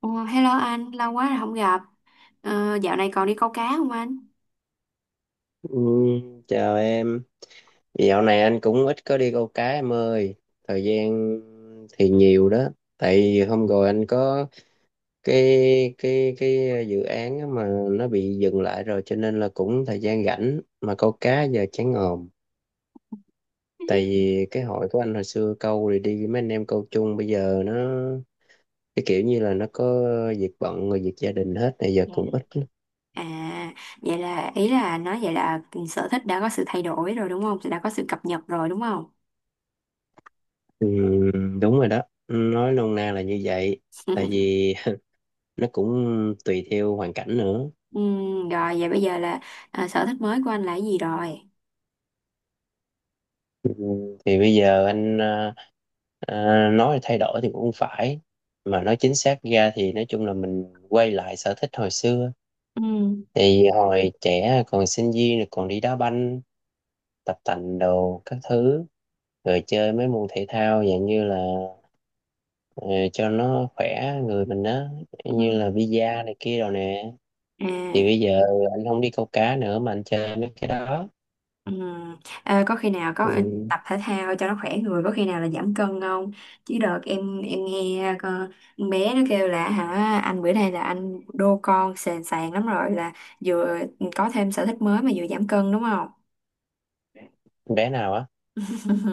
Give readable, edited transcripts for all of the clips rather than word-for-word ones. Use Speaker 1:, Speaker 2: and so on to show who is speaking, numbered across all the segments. Speaker 1: Ồ, hello anh, lâu quá rồi không gặp. Ờ, dạo này còn đi câu cá không anh?
Speaker 2: Ừ, chào em. Dạo này anh cũng ít có đi câu cá em ơi. Thời gian thì nhiều đó. Tại vì hôm rồi anh có cái dự án á mà nó bị dừng lại rồi, cho nên là cũng thời gian rảnh mà câu cá giờ chán ngòm. Tại vì cái hội của anh hồi xưa câu rồi đi với mấy anh em câu chung, bây giờ cái kiểu như là nó có việc bận rồi việc gia đình hết, này giờ
Speaker 1: Dạ.
Speaker 2: cũng ít.
Speaker 1: À, vậy là ý là nói vậy là sở thích đã có sự thay đổi rồi đúng không? Đã có sự cập nhật rồi đúng không?
Speaker 2: Ừ, đúng rồi đó. Nói nôm na là như vậy. Tại vì nó cũng tùy theo hoàn cảnh nữa,
Speaker 1: Rồi vậy bây giờ là sở thích mới của anh là cái gì rồi?
Speaker 2: thì bây giờ anh nói thay đổi thì cũng không phải, mà nói chính xác ra thì nói chung là mình quay lại sở thích hồi xưa.
Speaker 1: Ừ.
Speaker 2: Thì hồi trẻ còn sinh viên rồi còn đi đá banh, tập tành đồ các thứ, rồi chơi mấy môn thể thao dạng như là ờ, cho nó khỏe người mình đó,
Speaker 1: Ừ.
Speaker 2: như là bida này kia rồi nè.
Speaker 1: À.
Speaker 2: Thì bây giờ anh không đi câu cá nữa mà anh chơi mấy cái đó.
Speaker 1: Ừ. À, có khi nào có
Speaker 2: Ừ.
Speaker 1: tập thể thao cho nó khỏe người, có khi nào là giảm cân không? Chứ đợt em nghe con bé nó kêu là hả anh bữa nay là anh đô con sền sàn lắm rồi, là vừa có thêm sở thích mới mà vừa giảm cân đúng không?
Speaker 2: Bé nào á?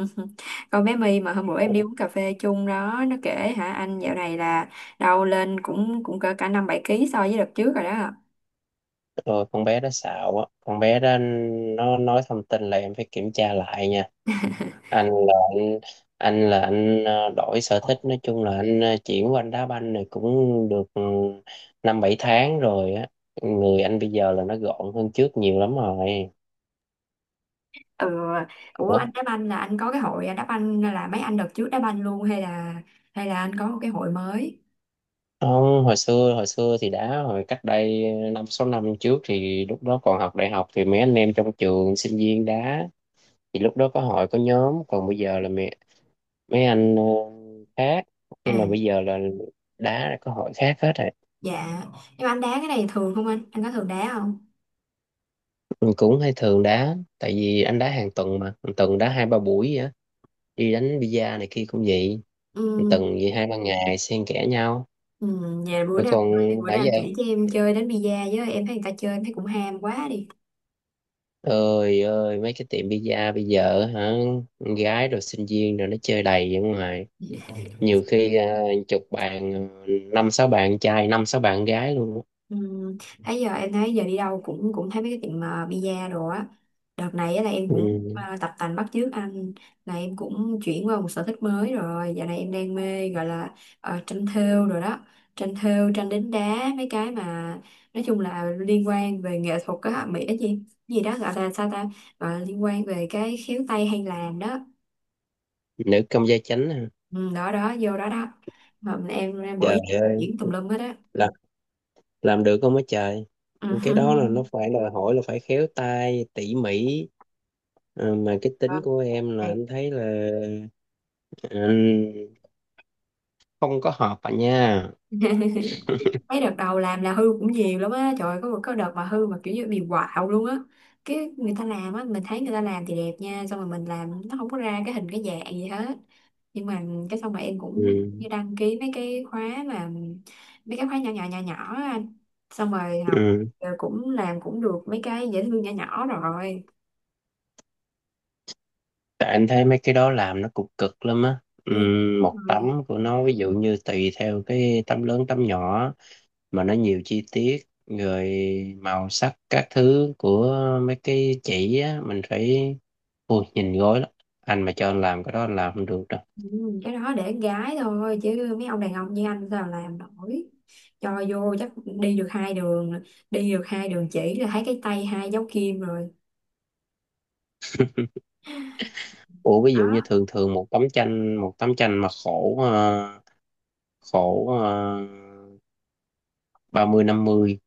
Speaker 1: Con bé My mà hôm bữa em đi uống cà phê chung đó, nó kể hả anh dạo này là đâu lên cũng cũng cỡ cả năm bảy ký so với đợt trước rồi đó.
Speaker 2: Rồi con bé đó xạo á, con bé đó nó nói thông tin là em phải kiểm tra lại nha. Anh là anh anh là anh đổi sở thích, nói chung là anh chuyển qua anh đá banh này cũng được, 5-7 tháng rồi á. Người anh bây giờ là nó gọn hơn trước nhiều lắm rồi.
Speaker 1: Ừ. Ủa,
Speaker 2: Ủa?
Speaker 1: anh đá banh là anh có cái hội đá banh là mấy anh đợt trước đá banh luôn, hay là anh có một cái hội mới?
Speaker 2: Không, hồi xưa thì đá hồi cách đây 5-6 năm trước, thì lúc đó còn học đại học thì mấy anh em trong trường sinh viên đá, thì lúc đó có hội có nhóm. Còn bây giờ là mấy anh khác, nói
Speaker 1: À.
Speaker 2: chung là bây giờ là đá là có hội khác hết rồi.
Speaker 1: Dạ, nhưng mà anh đá cái này thường không, anh có thường đá không?
Speaker 2: Mình cũng hay thường đá, tại vì anh đá hàng tuần, mà hàng tuần đá 2-3 buổi vậy á, đi đánh bida này kia cũng vậy, hàng tuần
Speaker 1: Ừ.
Speaker 2: vậy 2-3 ngày xen kẽ nhau.
Speaker 1: Ừ. nhà bữa
Speaker 2: Rồi
Speaker 1: nào
Speaker 2: còn
Speaker 1: bữa
Speaker 2: nãy
Speaker 1: nào
Speaker 2: giờ,
Speaker 1: chỉ cho em chơi đánh bi-a với, em thấy người ta chơi em thấy cũng ham quá đi.
Speaker 2: ơi ơi, mấy cái tiệm bida bây giờ hả, con gái rồi sinh viên rồi nó chơi đầy ở ngoài. Nhiều khi chục bàn, 5-6 bàn trai 5-6 bàn gái luôn á.
Speaker 1: Ừ. Thấy giờ em thấy giờ đi đâu cũng cũng thấy mấy cái tiệm mà pizza đồ á. Đợt này á là em cũng
Speaker 2: Ừ.
Speaker 1: tập tành bắt chước anh, là em cũng chuyển qua một sở thích mới rồi, giờ này em đang mê gọi là tranh thêu rồi đó, tranh thêu tranh đính đá mấy cái mà nói chung là liên quan về nghệ thuật á, mỹ cái gì gì đó, gọi là sao ta, gọi là liên quan về cái khéo tay hay làm đó.
Speaker 2: Nữ công gia chánh à.
Speaker 1: Ừ, đó đó, vô đó đó, mà em
Speaker 2: Trời
Speaker 1: buổi
Speaker 2: ơi,
Speaker 1: diễn tùm lum hết á.
Speaker 2: làm làm được không á trời. Cái đó là nó phải đòi hỏi là phải khéo tay tỉ mỉ. Mà cái
Speaker 1: Ừ. Ờ,
Speaker 2: tính của em
Speaker 1: thì
Speaker 2: là anh thấy là ừ, không có hợp à nha.
Speaker 1: mấy đợt đầu làm là hư cũng nhiều lắm á, trời ơi, có một cái đợt mà hư mà kiểu như bị quạo luôn á, cái người ta làm á mình thấy người ta làm thì đẹp nha, xong rồi mình làm nó không có ra cái hình cái dạng gì hết, nhưng mà cái xong mà em
Speaker 2: Ừ.
Speaker 1: cũng như đăng ký mấy cái khóa, mà mấy cái khóa nhỏ nhỏ nhỏ nhỏ á anh, xong rồi học,
Speaker 2: Ừ.
Speaker 1: rồi cũng làm cũng được mấy cái dễ thương nhỏ nhỏ rồi.
Speaker 2: Tại anh thấy mấy cái đó làm nó cũng cực lắm á. Ừ.
Speaker 1: Ừ. Đúng
Speaker 2: Một tấm
Speaker 1: rồi.
Speaker 2: của nó, ví dụ như tùy theo cái tấm lớn tấm nhỏ mà nó nhiều chi tiết, rồi màu sắc các thứ của mấy cái chỉ á, mình phải... Ôi, nhìn gối lắm, anh mà cho anh làm cái đó anh làm không được.
Speaker 1: Ừ, cái đó để gái thôi chứ mấy ông đàn ông như anh sao làm nổi, cho vô chắc đi được hai đường, chỉ là thấy cái tay hai dấu kim rồi
Speaker 2: Ủa, ví dụ như
Speaker 1: đó.
Speaker 2: thường thường một tấm tranh, mà khổ 30 50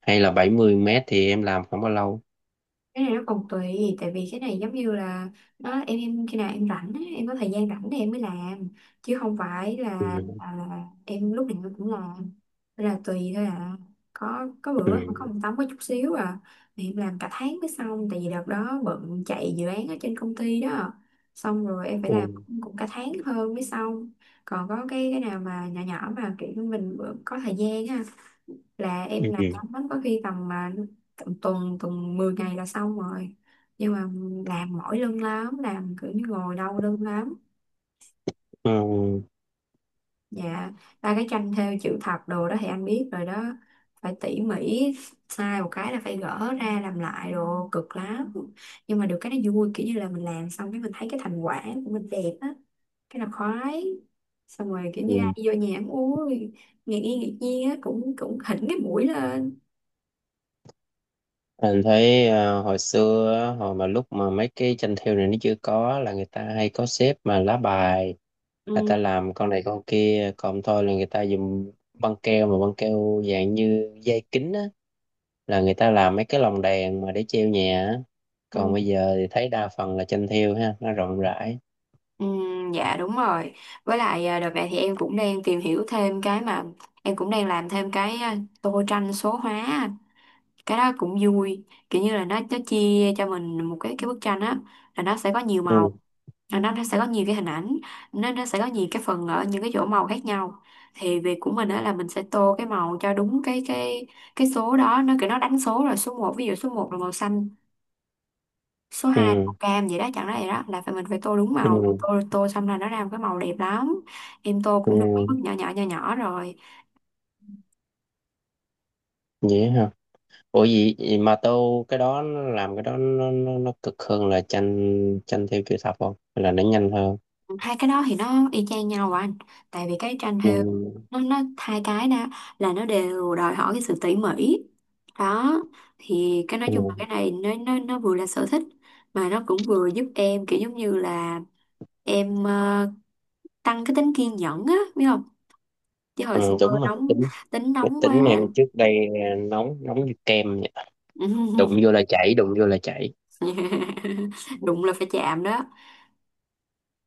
Speaker 2: hay là 70 mét thì em làm không bao lâu?
Speaker 1: Cái này nó còn tùy, tại vì cái này giống như là nó, em khi nào em rảnh á, em có thời gian rảnh thì em mới làm, chứ không phải là,
Speaker 2: Ừ.
Speaker 1: là em lúc nào em cũng làm. Nên là tùy thôi à, có bữa có
Speaker 2: Ừ.
Speaker 1: một tấm có chút xíu à thì em làm cả tháng mới xong, tại vì đợt đó bận chạy dự án ở trên công ty đó, xong rồi em phải làm
Speaker 2: Ừ.
Speaker 1: cũng cũng cả tháng hơn mới xong. Còn có cái nào mà nhỏ nhỏ mà kiểu như mình bữa có thời gian á là em làm
Speaker 2: Ừ.
Speaker 1: nhanh lắm, có khi tầm mà tầm tuần tuần 10 ngày là xong rồi, nhưng mà làm mỏi lưng lắm, làm kiểu như ngồi đau lưng lắm.
Speaker 2: Ừ.
Speaker 1: Dạ, ba cái tranh thêu chữ thập đồ đó thì anh biết rồi đó, phải tỉ mỉ, sai một cái là phải gỡ ra làm lại đồ cực lắm, nhưng mà được cái nó vui, kiểu như là mình làm xong cái mình thấy cái thành quả của mình đẹp á, cái là khoái, xong rồi kiểu như ai
Speaker 2: Ừ.
Speaker 1: đi vô nhà cũng uống, ngạc nhiên á, cũng cũng hỉnh cái mũi lên.
Speaker 2: Anh thấy hồi xưa á, hồi mà lúc mà mấy cái tranh thêu này nó chưa có, là người ta hay có xếp mà lá bài, người ta
Speaker 1: Ừ,
Speaker 2: làm con này con kia. Còn thôi là người ta dùng băng keo, mà băng keo dạng như dây kính á, là người ta làm mấy cái lồng đèn mà để treo nhà á. Còn
Speaker 1: ừ.
Speaker 2: bây giờ thì thấy đa phần là tranh thêu ha, nó rộng rãi.
Speaker 1: Ừ, dạ đúng rồi. Với lại à, đợt này thì em cũng đang tìm hiểu thêm cái mà em cũng đang làm thêm cái tô tranh số hóa, anh. Cái đó cũng vui. Kiểu như là nó chia cho mình một cái bức tranh á, là nó sẽ có nhiều màu,
Speaker 2: Ừ.
Speaker 1: là nó sẽ có nhiều cái hình ảnh, nó sẽ có nhiều cái phần ở những cái chỗ màu khác nhau. Thì việc của mình á là mình sẽ tô cái màu cho đúng cái số đó, nó kiểu nó đánh số rồi, số một ví dụ số một là màu xanh, số hai màu
Speaker 2: Ừ.
Speaker 1: cam vậy đó, chẳng ra vậy đó, là phải mình phải tô đúng màu,
Speaker 2: Ừ.
Speaker 1: tô tô xong là nó ra một cái màu đẹp lắm. Em tô
Speaker 2: Ừ.
Speaker 1: cũng được mấy bước nhỏ nhỏ nhỏ nhỏ rồi.
Speaker 2: Vậy hả? Ủa, gì mà tô cái đó, nó làm cái đó nó, cực hơn là tranh tranh thêu chữ thập không, hay là nó nhanh hơn?
Speaker 1: Hai cái đó thì nó y chang nhau à anh, tại vì cái tranh thêu
Speaker 2: Nhưng,
Speaker 1: nó hai cái đó là nó đều đòi hỏi cái sự tỉ mỉ đó, thì cái nói chung là
Speaker 2: ừ,
Speaker 1: cái này nó vừa là sở thích mà nó cũng vừa giúp em kiểu giống như là em tăng cái tính kiên nhẫn á, biết không? Chứ hồi xưa
Speaker 2: ừ, đúng. Mà
Speaker 1: nóng,
Speaker 2: tính
Speaker 1: tính nóng
Speaker 2: tính
Speaker 1: quá.
Speaker 2: em trước đây nóng, nóng như kem vậy. Đụng vô là chảy, đụng vô là chảy.
Speaker 1: Đụng là phải chạm đó.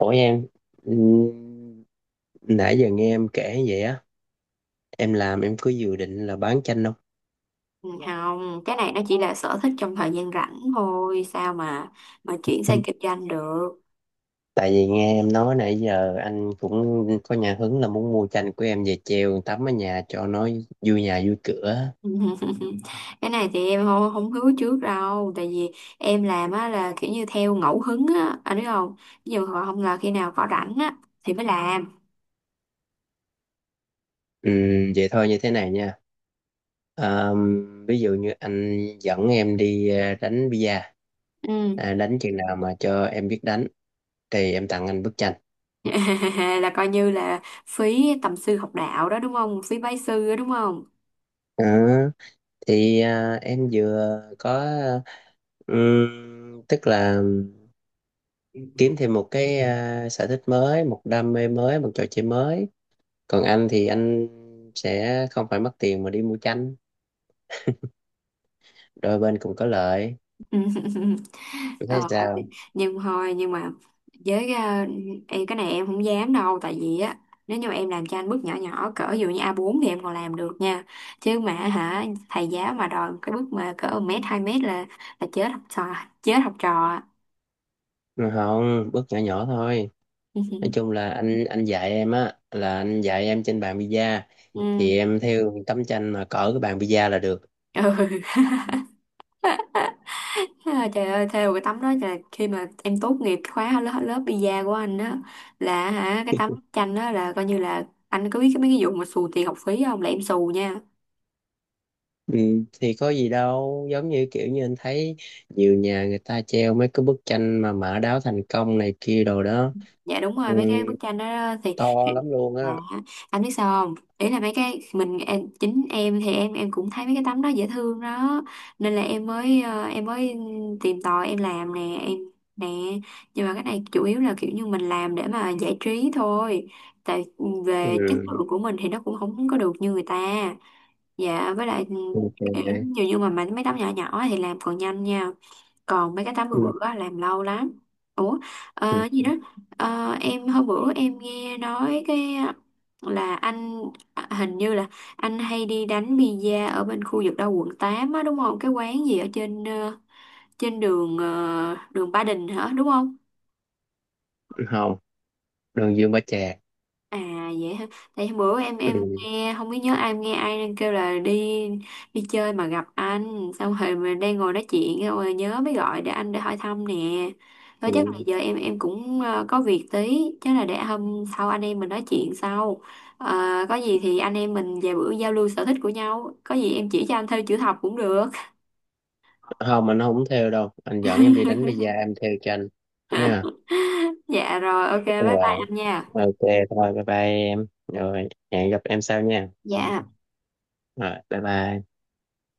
Speaker 2: Ủa em, ừ, nãy giờ nghe em kể vậy á, em làm em cứ dự định là bán chanh.
Speaker 1: Ừ, không, cái này nó chỉ là sở thích trong thời gian rảnh thôi sao mà chuyển sang kinh doanh được.
Speaker 2: Tại vì nghe em nói nãy giờ anh cũng có nhà hứng là muốn mua tranh của em về treo tắm ở nhà cho nó vui nhà vui cửa.
Speaker 1: Cái này thì em không, không hứa trước đâu, tại vì em làm á là kiểu như theo ngẫu hứng á, anh biết không? Ví dụ họ không là khi nào có rảnh á thì mới làm.
Speaker 2: Ừ, vậy thôi như thế này nha. À, ví dụ như anh dẫn em đi à, đánh bia
Speaker 1: Ừ.
Speaker 2: à, đánh chừng nào mà cho em biết đánh thì em tặng anh bức tranh.
Speaker 1: Là coi như là phí tầm sư học đạo đó đúng không, phí bái sư đó đúng không?
Speaker 2: Ờ, thì à, em vừa có tức là kiếm thêm một cái à, sở thích mới, một đam mê mới, một trò chơi mới. Còn anh thì anh sẽ không phải mất tiền mà đi mua chanh. Đôi bên cũng có lợi. Em thấy
Speaker 1: Ờ,
Speaker 2: sao?
Speaker 1: nhưng thôi, nhưng mà với em cái này em không dám đâu, tại vì á nếu như mà em làm cho anh bước nhỏ nhỏ cỡ ví dụ như A4 thì em còn làm được nha, chứ mà hả thầy giáo mà đòi cái bước mà cỡ 1 mét 2 mét là chết học trò, chết học trò.
Speaker 2: Ừ, không, bước nhỏ nhỏ thôi. Nói chung là anh dạy em á, là anh dạy em trên bàn pizza,
Speaker 1: Ừ.
Speaker 2: thì em theo tấm tranh mà cỡ cái bàn pizza là được.
Speaker 1: Ừ. À, trời ơi, theo cái tấm đó là khi mà em tốt nghiệp cái khóa lớp lớp pizza của anh á, là hả cái tấm tranh đó là coi như là anh có biết cái mấy cái vụ mà xù tiền học phí không, là em xù nha.
Speaker 2: Ừ, thì có gì đâu, giống như kiểu như anh thấy nhiều nhà người ta treo mấy cái bức tranh mà mã đáo thành công này kia đồ đó.
Speaker 1: Dạ đúng
Speaker 2: Ừ,
Speaker 1: rồi, mấy cái bức tranh đó thì
Speaker 2: to lắm luôn
Speaker 1: dạ.
Speaker 2: á.
Speaker 1: Anh biết sao không, ý là mấy cái mình em, chính em thì em cũng thấy mấy cái tấm đó dễ thương đó, nên là em mới tìm tòi em làm nè, em nè, nhưng mà cái này chủ yếu là kiểu như mình làm để mà giải trí thôi, tại
Speaker 2: Ừ,
Speaker 1: về chất lượng của mình thì nó cũng không có được như người ta. Dạ, với lại ừ, kiểu
Speaker 2: ok.
Speaker 1: như như mà mấy mấy tấm nhỏ nhỏ thì làm còn nhanh nha, còn mấy cái 80
Speaker 2: Ừ,
Speaker 1: bữa á, làm lâu lắm. Ủa,
Speaker 2: ừ,
Speaker 1: ờ, gì đó. Ờ, em hôm bữa em nghe nói cái là anh hình như là anh hay đi đánh pizza ở bên khu vực đâu quận 8 á đúng không, cái quán gì ở trên trên đường ờ, đường Ba Đình hả đúng không?
Speaker 2: ừ, không, đường Dương Bá Trà.
Speaker 1: À, vậy hả? Tại bữa em
Speaker 2: Ừ.
Speaker 1: nghe không biết nhớ ai, em nghe ai đang kêu là đi, đi chơi mà gặp anh, xong rồi mình đang ngồi nói chuyện xong rồi nhớ mới gọi để anh để hỏi thăm nè. Thôi chắc là
Speaker 2: Ừ.
Speaker 1: giờ em cũng có việc tí, chắc là để hôm sau anh em mình nói chuyện sau. Ờ, có gì thì anh em mình về bữa giao lưu sở thích của nhau, có gì em chỉ cho anh theo chữ thập cũng được.
Speaker 2: Không, anh không theo đâu, anh dẫn em đi đánh bida em theo cho anh nha.
Speaker 1: Dạ rồi, ok bye bye
Speaker 2: Rồi,
Speaker 1: anh nha.
Speaker 2: ok, thôi bye bye em rồi, hẹn gặp em sau nha.
Speaker 1: Dạ.
Speaker 2: Rồi bye bye.